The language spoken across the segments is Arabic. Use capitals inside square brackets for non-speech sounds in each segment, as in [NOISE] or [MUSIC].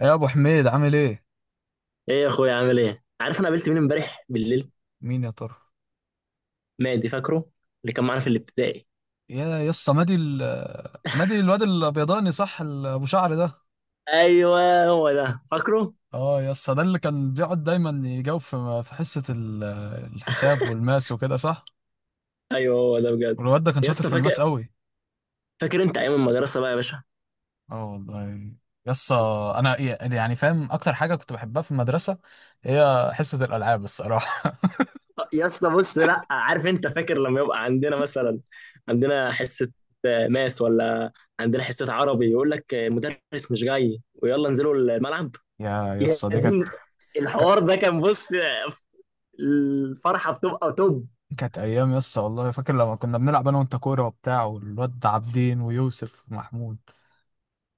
يا ابو حميد، عامل ايه؟ ايه يا اخويا عامل ايه؟ عارف انا قابلت مين امبارح بالليل؟ مين يا ترى؟ مادي، فاكره؟ اللي كان معانا في الابتدائي. يا يسا، مادي الواد الابيضاني، صح؟ ابو شعر ده؟ ايوه هو ده، فاكره. اه يسا، ده اللي كان بيقعد دايما يجاوب في حصه الحساب والماس وكده، صح؟ ايوه هو ده بجد. والواد ده كان يا شاطر اسطى في فاكر، الماس قوي. فاكر انت ايام المدرسه بقى يا باشا؟ اه والله. يسا، انا يعني فاهم اكتر حاجه كنت بحبها في المدرسه هي حصه الالعاب الصراحه. يا اسطى بص، لا عارف انت فاكر لما يبقى عندنا مثلا عندنا حصه ماس، ولا عندنا حصه عربي، يقول لك المدرس مش جاي ويلا انزلوا الملعب. [LAUGHS] يا يا يسا، دي دين، ك- الحوار ده كان بص، الفرحه بتبقى توب. كانت ايام يسا والله، فاكر لما كنا بنلعب انا وانت كوره وبتاع، والواد عابدين ويوسف ومحمود؟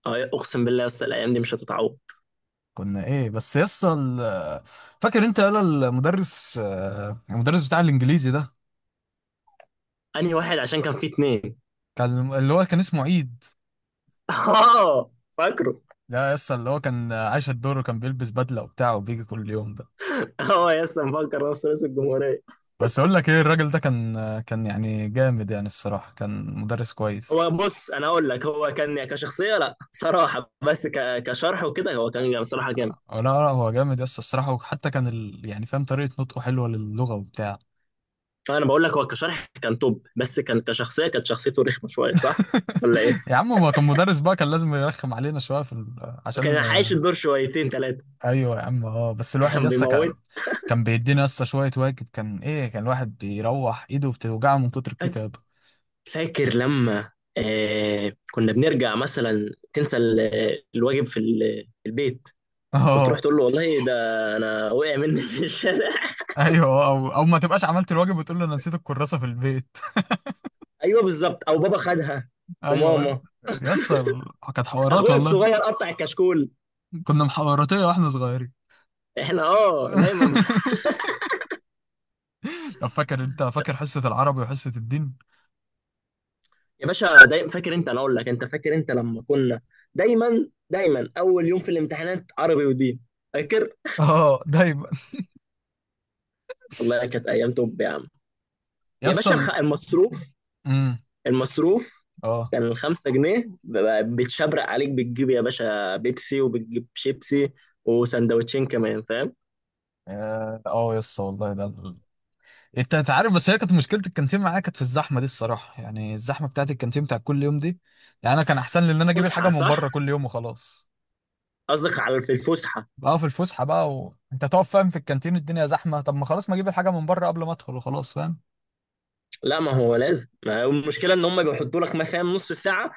اقسم بالله يا اسطى الايام دي مش هتتعوض. كنا ايه بس يسطا، فاكر انت يلا المدرس بتاع الانجليزي ده؟ انهي واحد؟ عشان كان في اثنين. كان اللي هو كان اسمه عيد. [LAUGHS] اه فاكره. ده يسطا اللي هو كان عايش الدور، وكان بيلبس بدله وبتاع، وبيجي كل يوم ده. هو يا اسطى مفكر نفسه رئيس الجمهوريه. بس اقول لك ايه، الراجل ده كان يعني جامد، يعني الصراحه كان مدرس كويس. هو بص، انا اقول لك، هو كان يعني كشخصيه لا صراحه، بس كشرح وكده هو كان جامد، صراحه جامد. لا، لا، هو جامد يسطا الصراحه، وحتى كان يعني فاهم طريقه نطقه حلوه للغه وبتاع. فانا بقول لك، هو كشرح كان توب، بس كان كشخصيه كانت شخصيته رخمه شويه، صح؟ ولا ايه؟ [LAUGHS] يا عم، ما كان مدرس بقى، كان لازم يرخم علينا شويه كان عشان. عايش الدور شويتين ثلاثه. ايوه يا عم، اه، بس [LAUGHS] الواحد كان يسطا بيموت. كان بيدينا يسطا شويه واجب، كان ايه، كان الواحد بيروح ايده بتوجعه من كتر فاك- الكتابه. فاكر لما آه كنا بنرجع مثلا تنسى الواجب في في البيت، [LAUGHS] وتروح اه، تقول له، والله ده انا وقع مني في الشارع. ايوه، او ما تبقاش عملت الواجب وتقول له انا نسيت الكراسه في البيت. ايوه بالظبط، او بابا خدها [LAUGHS] ايوه. وماما، يسطا كانت حوارات اخويا والله، الصغير قطع الكشكول. كنا محوراتيه واحنا صغيرين. احنا اه دايما. [LAUGHS] طب فاكر انت؟ فاكر حصه العربي وحصه الدين؟ يا باشا دايما، فاكر انت؟ انا اقول لك، انت فاكر انت لما كنا دايما دايما اول يوم في الامتحانات عربي ودين؟ فاكر؟ [LAUGHS] اه دايما. والله كانت ايام توب يا عم. يا يسطا باشا المصروف، امم المصروف. اه، كان الخمسة جنيه بتشبرق عليك، بتجيب يا باشا بيبسي وبتجيب شيبسي وسندوتشين كمان، فاهم؟ اه، يسطا والله ده. انت عارف، بس هي كانت مشكله الكانتين معايا، كانت في الزحمه دي الصراحه، يعني الزحمه بتاعت الكانتين بتاعت كل يوم دي. يعني انا كان احسن لي ان انا اجيب الحاجه فسحة من صح، بره كل يوم وخلاص. قصدك على في الفسحة. بقى في الفسحه بقى، وانت تقف فاهم في الكانتين الدنيا زحمه، طب ما خلاص ما اجيب الحاجه من بره قبل ما ادخل وخلاص فاهم. لا، ما هو لازم، ما هو المشكله ان هم بيحطوا لك مثلا نص ساعه،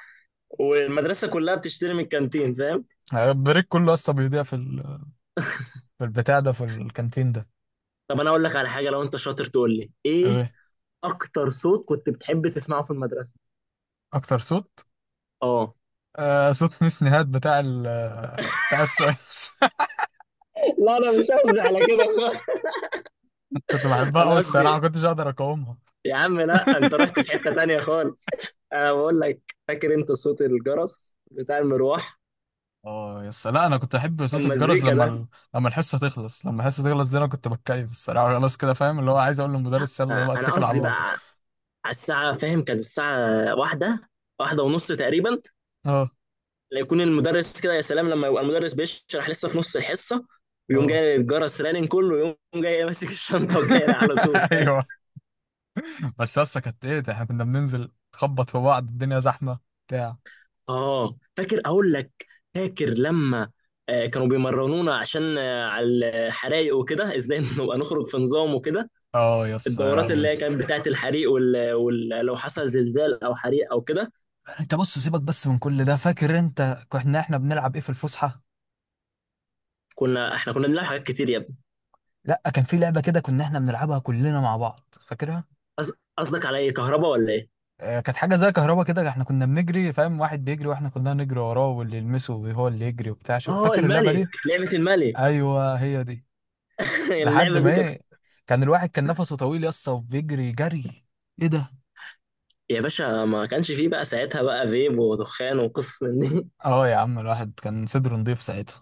والمدرسه كلها بتشتري من الكانتين، فاهم. يعني البريك كله اصلا بيضيع في البتاع ده، في الكانتين ده. طب انا اقول لك على حاجه، لو انت شاطر تقول لي ايه ايه اكتر صوت كنت بتحب تسمعه في المدرسه؟ اكتر صوت؟ اه. آه، صوت ميس نهاد بتاع السويس. لا انا مش قصدي على كده خالص. [LAUGHS] كنت [LAUGHS] بحبها انا قوي قصدي الصراحه، ما كنتش اقدر اقاومها. يا عم، لا [LAUGHS] انت رحت في حته تانية خالص. انا بقول لك، فاكر انت صوت الجرس بتاع المروح؟ اه يس، لا، انا كنت احب صوت كان الجرس مزيكا ده. لما الحصه تخلص دي، انا كنت بتكيف الصراحه. [LAUGHS] خلاص كده فاهم، اللي هو عايز اقول للمدرس يلا بقى، انا اتكل على قصدي الله. بقى على الساعه، فاهم؟ كانت الساعه واحدة، واحدة ونص تقريبا، اه، يكون المدرس كده. يا سلام لما يبقى المدرس بيشرح لسه في نص الحصه، ويقوم اه. جاي الجرس رانن، كله يقوم جاي [LAUGHS] ماسك الشنطه وجاي على طول. [LAUGHS] ايوه. بس يس، كانت ايه ده، احنا كنا بننزل نخبط في بعض الدنيا زحمه، بتاع. اه فاكر، اقول لك، فاكر لما كانوا بيمرنونا عشان على الحرايق وكده، ازاي [LAUGHS] نبقى نخرج في نظام وكده؟ اه يس، يا الدورات اللي لهوي. هي كانت بتاعت الحريق لو حصل زلزال او حريق او كده. انت بص، سيبك بس من كل ده، فاكر انت كنا احنا بنلعب ايه في الفسحه؟ كنا احنا كنا بنلعب حاجات كتير يا ابني. لا، كان في لعبه كده كنا احنا بنلعبها كلنا مع بعض، فاكرها؟ قصدك على ايه، كهرباء ولا ايه؟ كانت حاجه زي كهربا كده، احنا كنا بنجري فاهم، واحد بيجري واحنا كلنا نجري وراه، واللي يلمسه هو اللي يجري وبتاع، شو اه فاكر اللعبه الملك، دي؟ لعبة الملك. ايوه، هي دي. [LAUGHS] لحد اللعبة ما دي كانت. ايه، الواحد كان نفسه طويل يا اسطى وبيجري جري. ايه ده. يا باشا، ما كانش فيه بقى ساعتها بقى فيب ودخان وقصص من دي. [LAUGHS] اه يا عم، الواحد كان صدره نضيف ساعتها.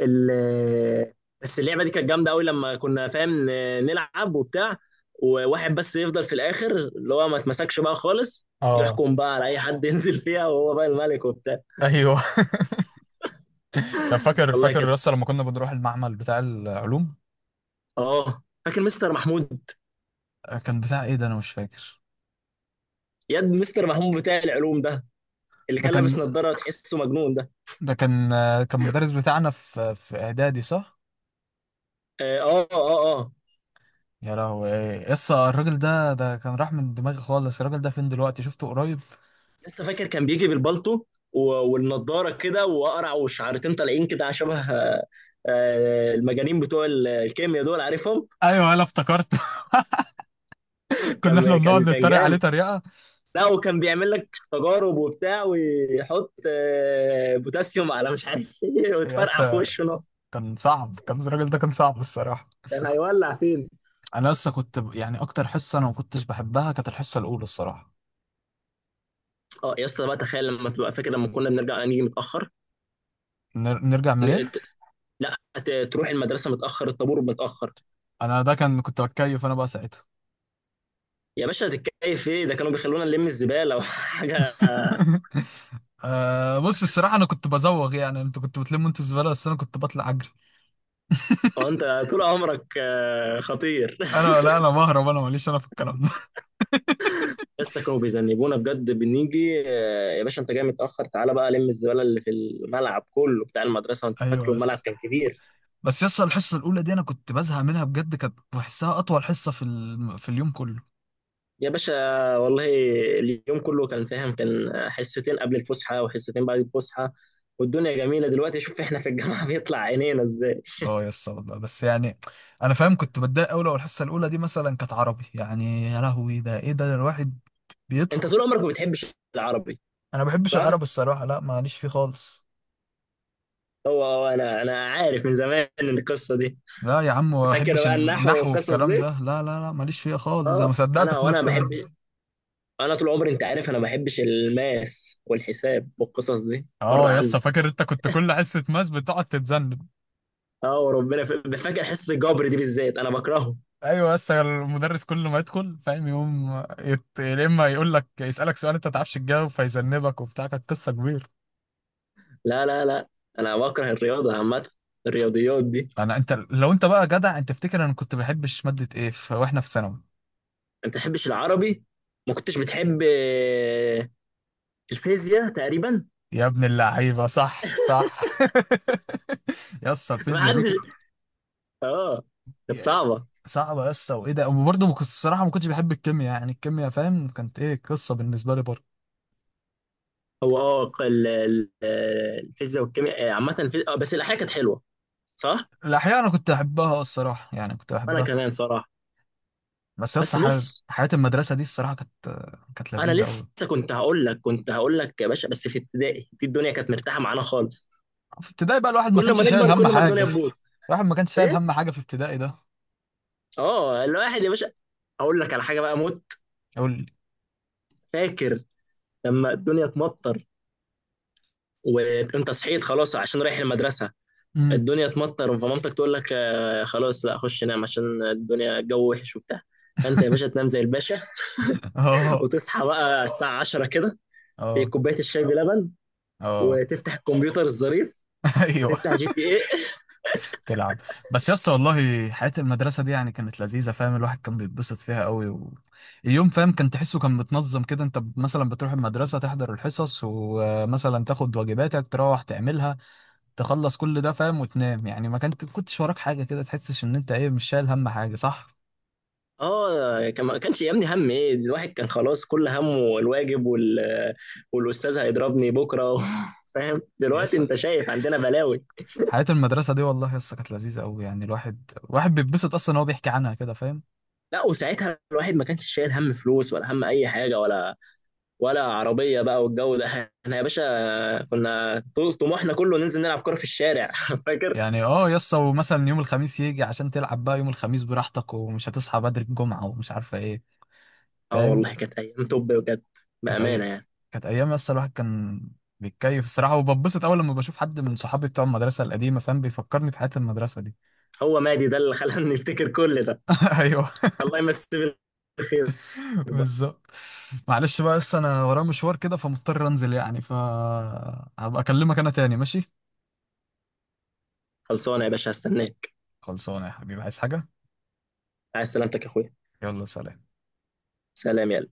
ال- بس اللعبه دي كانت جامده قوي، لما كنا فاهم نلعب وبتاع، وواحد بس يفضل في الاخر اللي هو ما اتمسكش بقى خالص، اه، يحكم بقى على اي حد [LAUGHS] ينزل فيها، وهو بقى الملك وبتاع. ايوه. [LAUGHS] طب فاكر والله فاكر كده. لسه لما كنا بنروح المعمل بتاع العلوم؟ اه فاكر مستر محمود. كان بتاع ايه ده، انا مش فاكر. ياد مستر محمود بتاع العلوم ده، اللي ده كان كان لابس نظاره تحسه مجنون ده. ده كان مدرس بتاعنا في اعدادي، صح؟ اه اه، آه. يا لهوي، ايه يسا، الراجل ده كان راح من دماغي خالص. الراجل ده فين دلوقتي؟ شفته قريب؟ لسه فاكر، كان بيجي بالبالطو و- والنضاره كده، وقرع وشعرتين طالعين كده، على شبه المجانين بتوع الكيمياء دول، عارفهم. ايوه، انا افتكرت. [LAUGHS] [LAUGHS] كنا احنا كان كان بنقعد كان نتريق عليه جامد. تريقه لا وكان بيعمل لك تجارب وبتاع، ويحط بوتاسيوم على مش عارف ايه، [LAUGHS] وتفرقع في يسا. وشه نص. كان صعب، كان الراجل ده كان صعب الصراحه. كان هيولع فين. انا لسه كنت يعني، اكتر حصه انا ما كنتش بحبها كانت الحصه الاولى الصراحه. اه يا اسطى بقى، تخيل لما تبقى فاكر لما كنا بنرجع نيجي متاخر. نرجع منين؟ ن- ت- لا، تروح المدرسه متاخر، الطابور متاخر. انا ده كان كنت بتكيف انا بقى ساعتها. يا باشا هتتكيف ايه؟ ده كانوا بيخلونا نلم الزباله [LAUGHS] وحاجه. [LAUGHS] آه، بص الصراحه انا كنت بزوغ، يعني انتوا كنتوا بتلموا انتوا زباله، بس انا كنت بطلع اجري. اه، انت طول عمرك خطير. [LAUGHS] انا لا، انا بهرب، انا ماليش انا في الكلام ده. لسه كانوا بيذنبونا بجد، بنيجي يا باشا انت جاي متاخر، تعالى بقى لم الزباله اللي في الملعب كله بتاع المدرسه، [LAUGHS] وانت ايوه. فاكره الملعب بس كان كبير. بس يس، الحصه الاولى دي انا كنت بزهق منها بجد، كانت بحسها اطول حصه في اليوم كله. يا باشا والله، اليوم كله كان فاهم، كان حصتين قبل الفسحه وحصتين بعد الفسحه، والدنيا جميله. دلوقتي شوف احنا في الجامعه [LAUGHS] بيطلع عينينا ازاي. اه يس والله، بس يعني انا فاهم كنت بتضايق قوي لو الحصه الاولى دي مثلا كانت عربي، يعني يا لهوي، ده ايه ده، ده الواحد انت بيطهق. طول عمرك ما بتحبش العربي، انا ما بحبش العربي صح؟ الصراحه، لا ماليش فيه خالص. هو انا عارف من زمان ان القصه دي. لا يا عم، ما فاكر بحبش بقى النحو النحو والقصص والكلام دي؟ ده، لا، لا، لا، ماليش فيه خالص، انا ما اه صدقت انا وانا خلصت منه. بحب. انا طول عمري انت عارف، انا ما بحبش الماس والحساب والقصص دي، بره اه يس، عني. فاكر انت كنت كل حصه ماس بتقعد تتذنب. اه وربنا، فاكر حصه الجبر دي بالذات انا بكرهه. ايوه، بس المدرس كل ما يدخل فاهم يقوم يا اما يقول لك، يسالك سؤال انت ما تعرفش تجاوب فيذنبك وبتاع، كانت قصه كبيره. لا لا لا، انا بكره الرياضه عامه، الرياضيات دي. انا، انت لو انت بقى جدع، انت تفتكر انا كنت بحبش ماده ايه واحنا في ثانوي؟ انت تحبش العربي، ما كنتش بتحب الفيزياء تقريبا. يا ابن اللعيبه، صح، صح. [LAUGHS] يا اسطى، ما الفيزياء دي كانت، حدش. [LAUGHS] اه كانت يا- صعبه. صعبه يا اسطى، وايه ده. وبرضه ما كنت الصراحه ما كنتش بحب الكيمياء، يعني الكيمياء فاهم كانت ايه قصه بالنسبه لي برضه. هو اه، الفيزياء والكيمياء عامه، الفي... آه، بس الاحياء كانت حلوه، صح. الاحياء انا كنت احبها الصراحه، يعني كنت انا بحبها. كمان صراحه. بس يا اسطى، بس بص، حياة المدرسه دي الصراحه، كانت انا لذيذه لسه قوي. كنت هقول لك، كنت هقول لك يا باشا، بس في ابتدائي دي الدنيا كانت مرتاحه معانا خالص. في ابتدائي بقى الواحد ما كل كانش ما شايل نكبر، هم كل ما الدنيا حاجة، تبوظ. الواحد ما كانش شايل ايه. هم حاجة في ابتدائي ده. اه الواحد يا باشا، اقول لك على حاجه بقى موت. قول لي. فاكر لما الدنيا تمطر، وانت صحيت خلاص عشان رايح المدرسه، امم. الدنيا تمطر، فمامتك تقول لك، خلاص لا، خش نام عشان الدنيا الجو وحش وبتاع. فانت يا باشا تنام [LAUGHS] زي الباشا، اه، وتصحى بقى الساعه 10 كده، اه، كوبايه الشاي بلبن، اه. وتفتح الكمبيوتر الظريف، [LAUGHS] ايوه، وتفتح جي تي إيه. تلعب. بس يا اسطى والله، حياة المدرسة دي يعني كانت لذيذة فاهم، الواحد كان بيتبسط فيها قوي، اليوم فاهم كان تحسه كان متنظم كده، انت مثلا بتروح المدرسة، تحضر الحصص، ومثلا تاخد واجباتك تروح تعملها، تخلص كل ده فاهم، وتنام. يعني ما كانت كنتش وراك حاجة كده، تحسش ان انت ايه، مش شايل هم حاجة، صح؟ اه كان ما كانش يهمني هم ايه، الواحد كان خلاص كل همه الواجب والاستاذ هيضربني بكره [LAUGHS] فاهم؟ دلوقتي يس، انت شايف عندنا بلاوي. حياة المدرسة دي والله يسا، كانت لذيذة أوي، يعني الواحد بيتبسط أصلا إن هو بيحكي عنها كده فاهم. لا وساعتها الواحد ما كانش شايل هم فلوس، ولا هم اي حاجه، ولا ولا عربيه بقى والجو ده. احنا يا باشا كنا طموحنا كله ننزل نلعب كوره في الشارع، [LAUGHS] فاكر؟ يعني اه يسا، ومثلا يوم الخميس يجي عشان تلعب بقى يوم الخميس براحتك، ومش هتصحى بدري الجمعة، ومش عارفة ايه. اه فاهم، والله كانت ايام توب بجد، كانت بامانه أي يعني. كانت أيام يسا. الواحد كان بيتكيف الصراحة، وببسط أول لما بشوف حد من صحابي بتوع المدرسة القديمة، فاهم، بيفكرني بحياة المدرسة دي. هو مادي ده اللي خلاني [LAUGHS] افتكر كل ده. [LAUGHS] أيوه الله يمسيه بالخير. بالظبط. معلش بقى يسا، أنا ورايا مشوار كده، فمضطر أنزل يعني، فهبقى أكلمك أنا تاني، ماشي؟ خلصانه يا باشا، هستناك. خلصانة يا حبيبي، عايز حاجة؟ عايز سلامتك يا اخويا. يلا، سلام. سلام، يلا.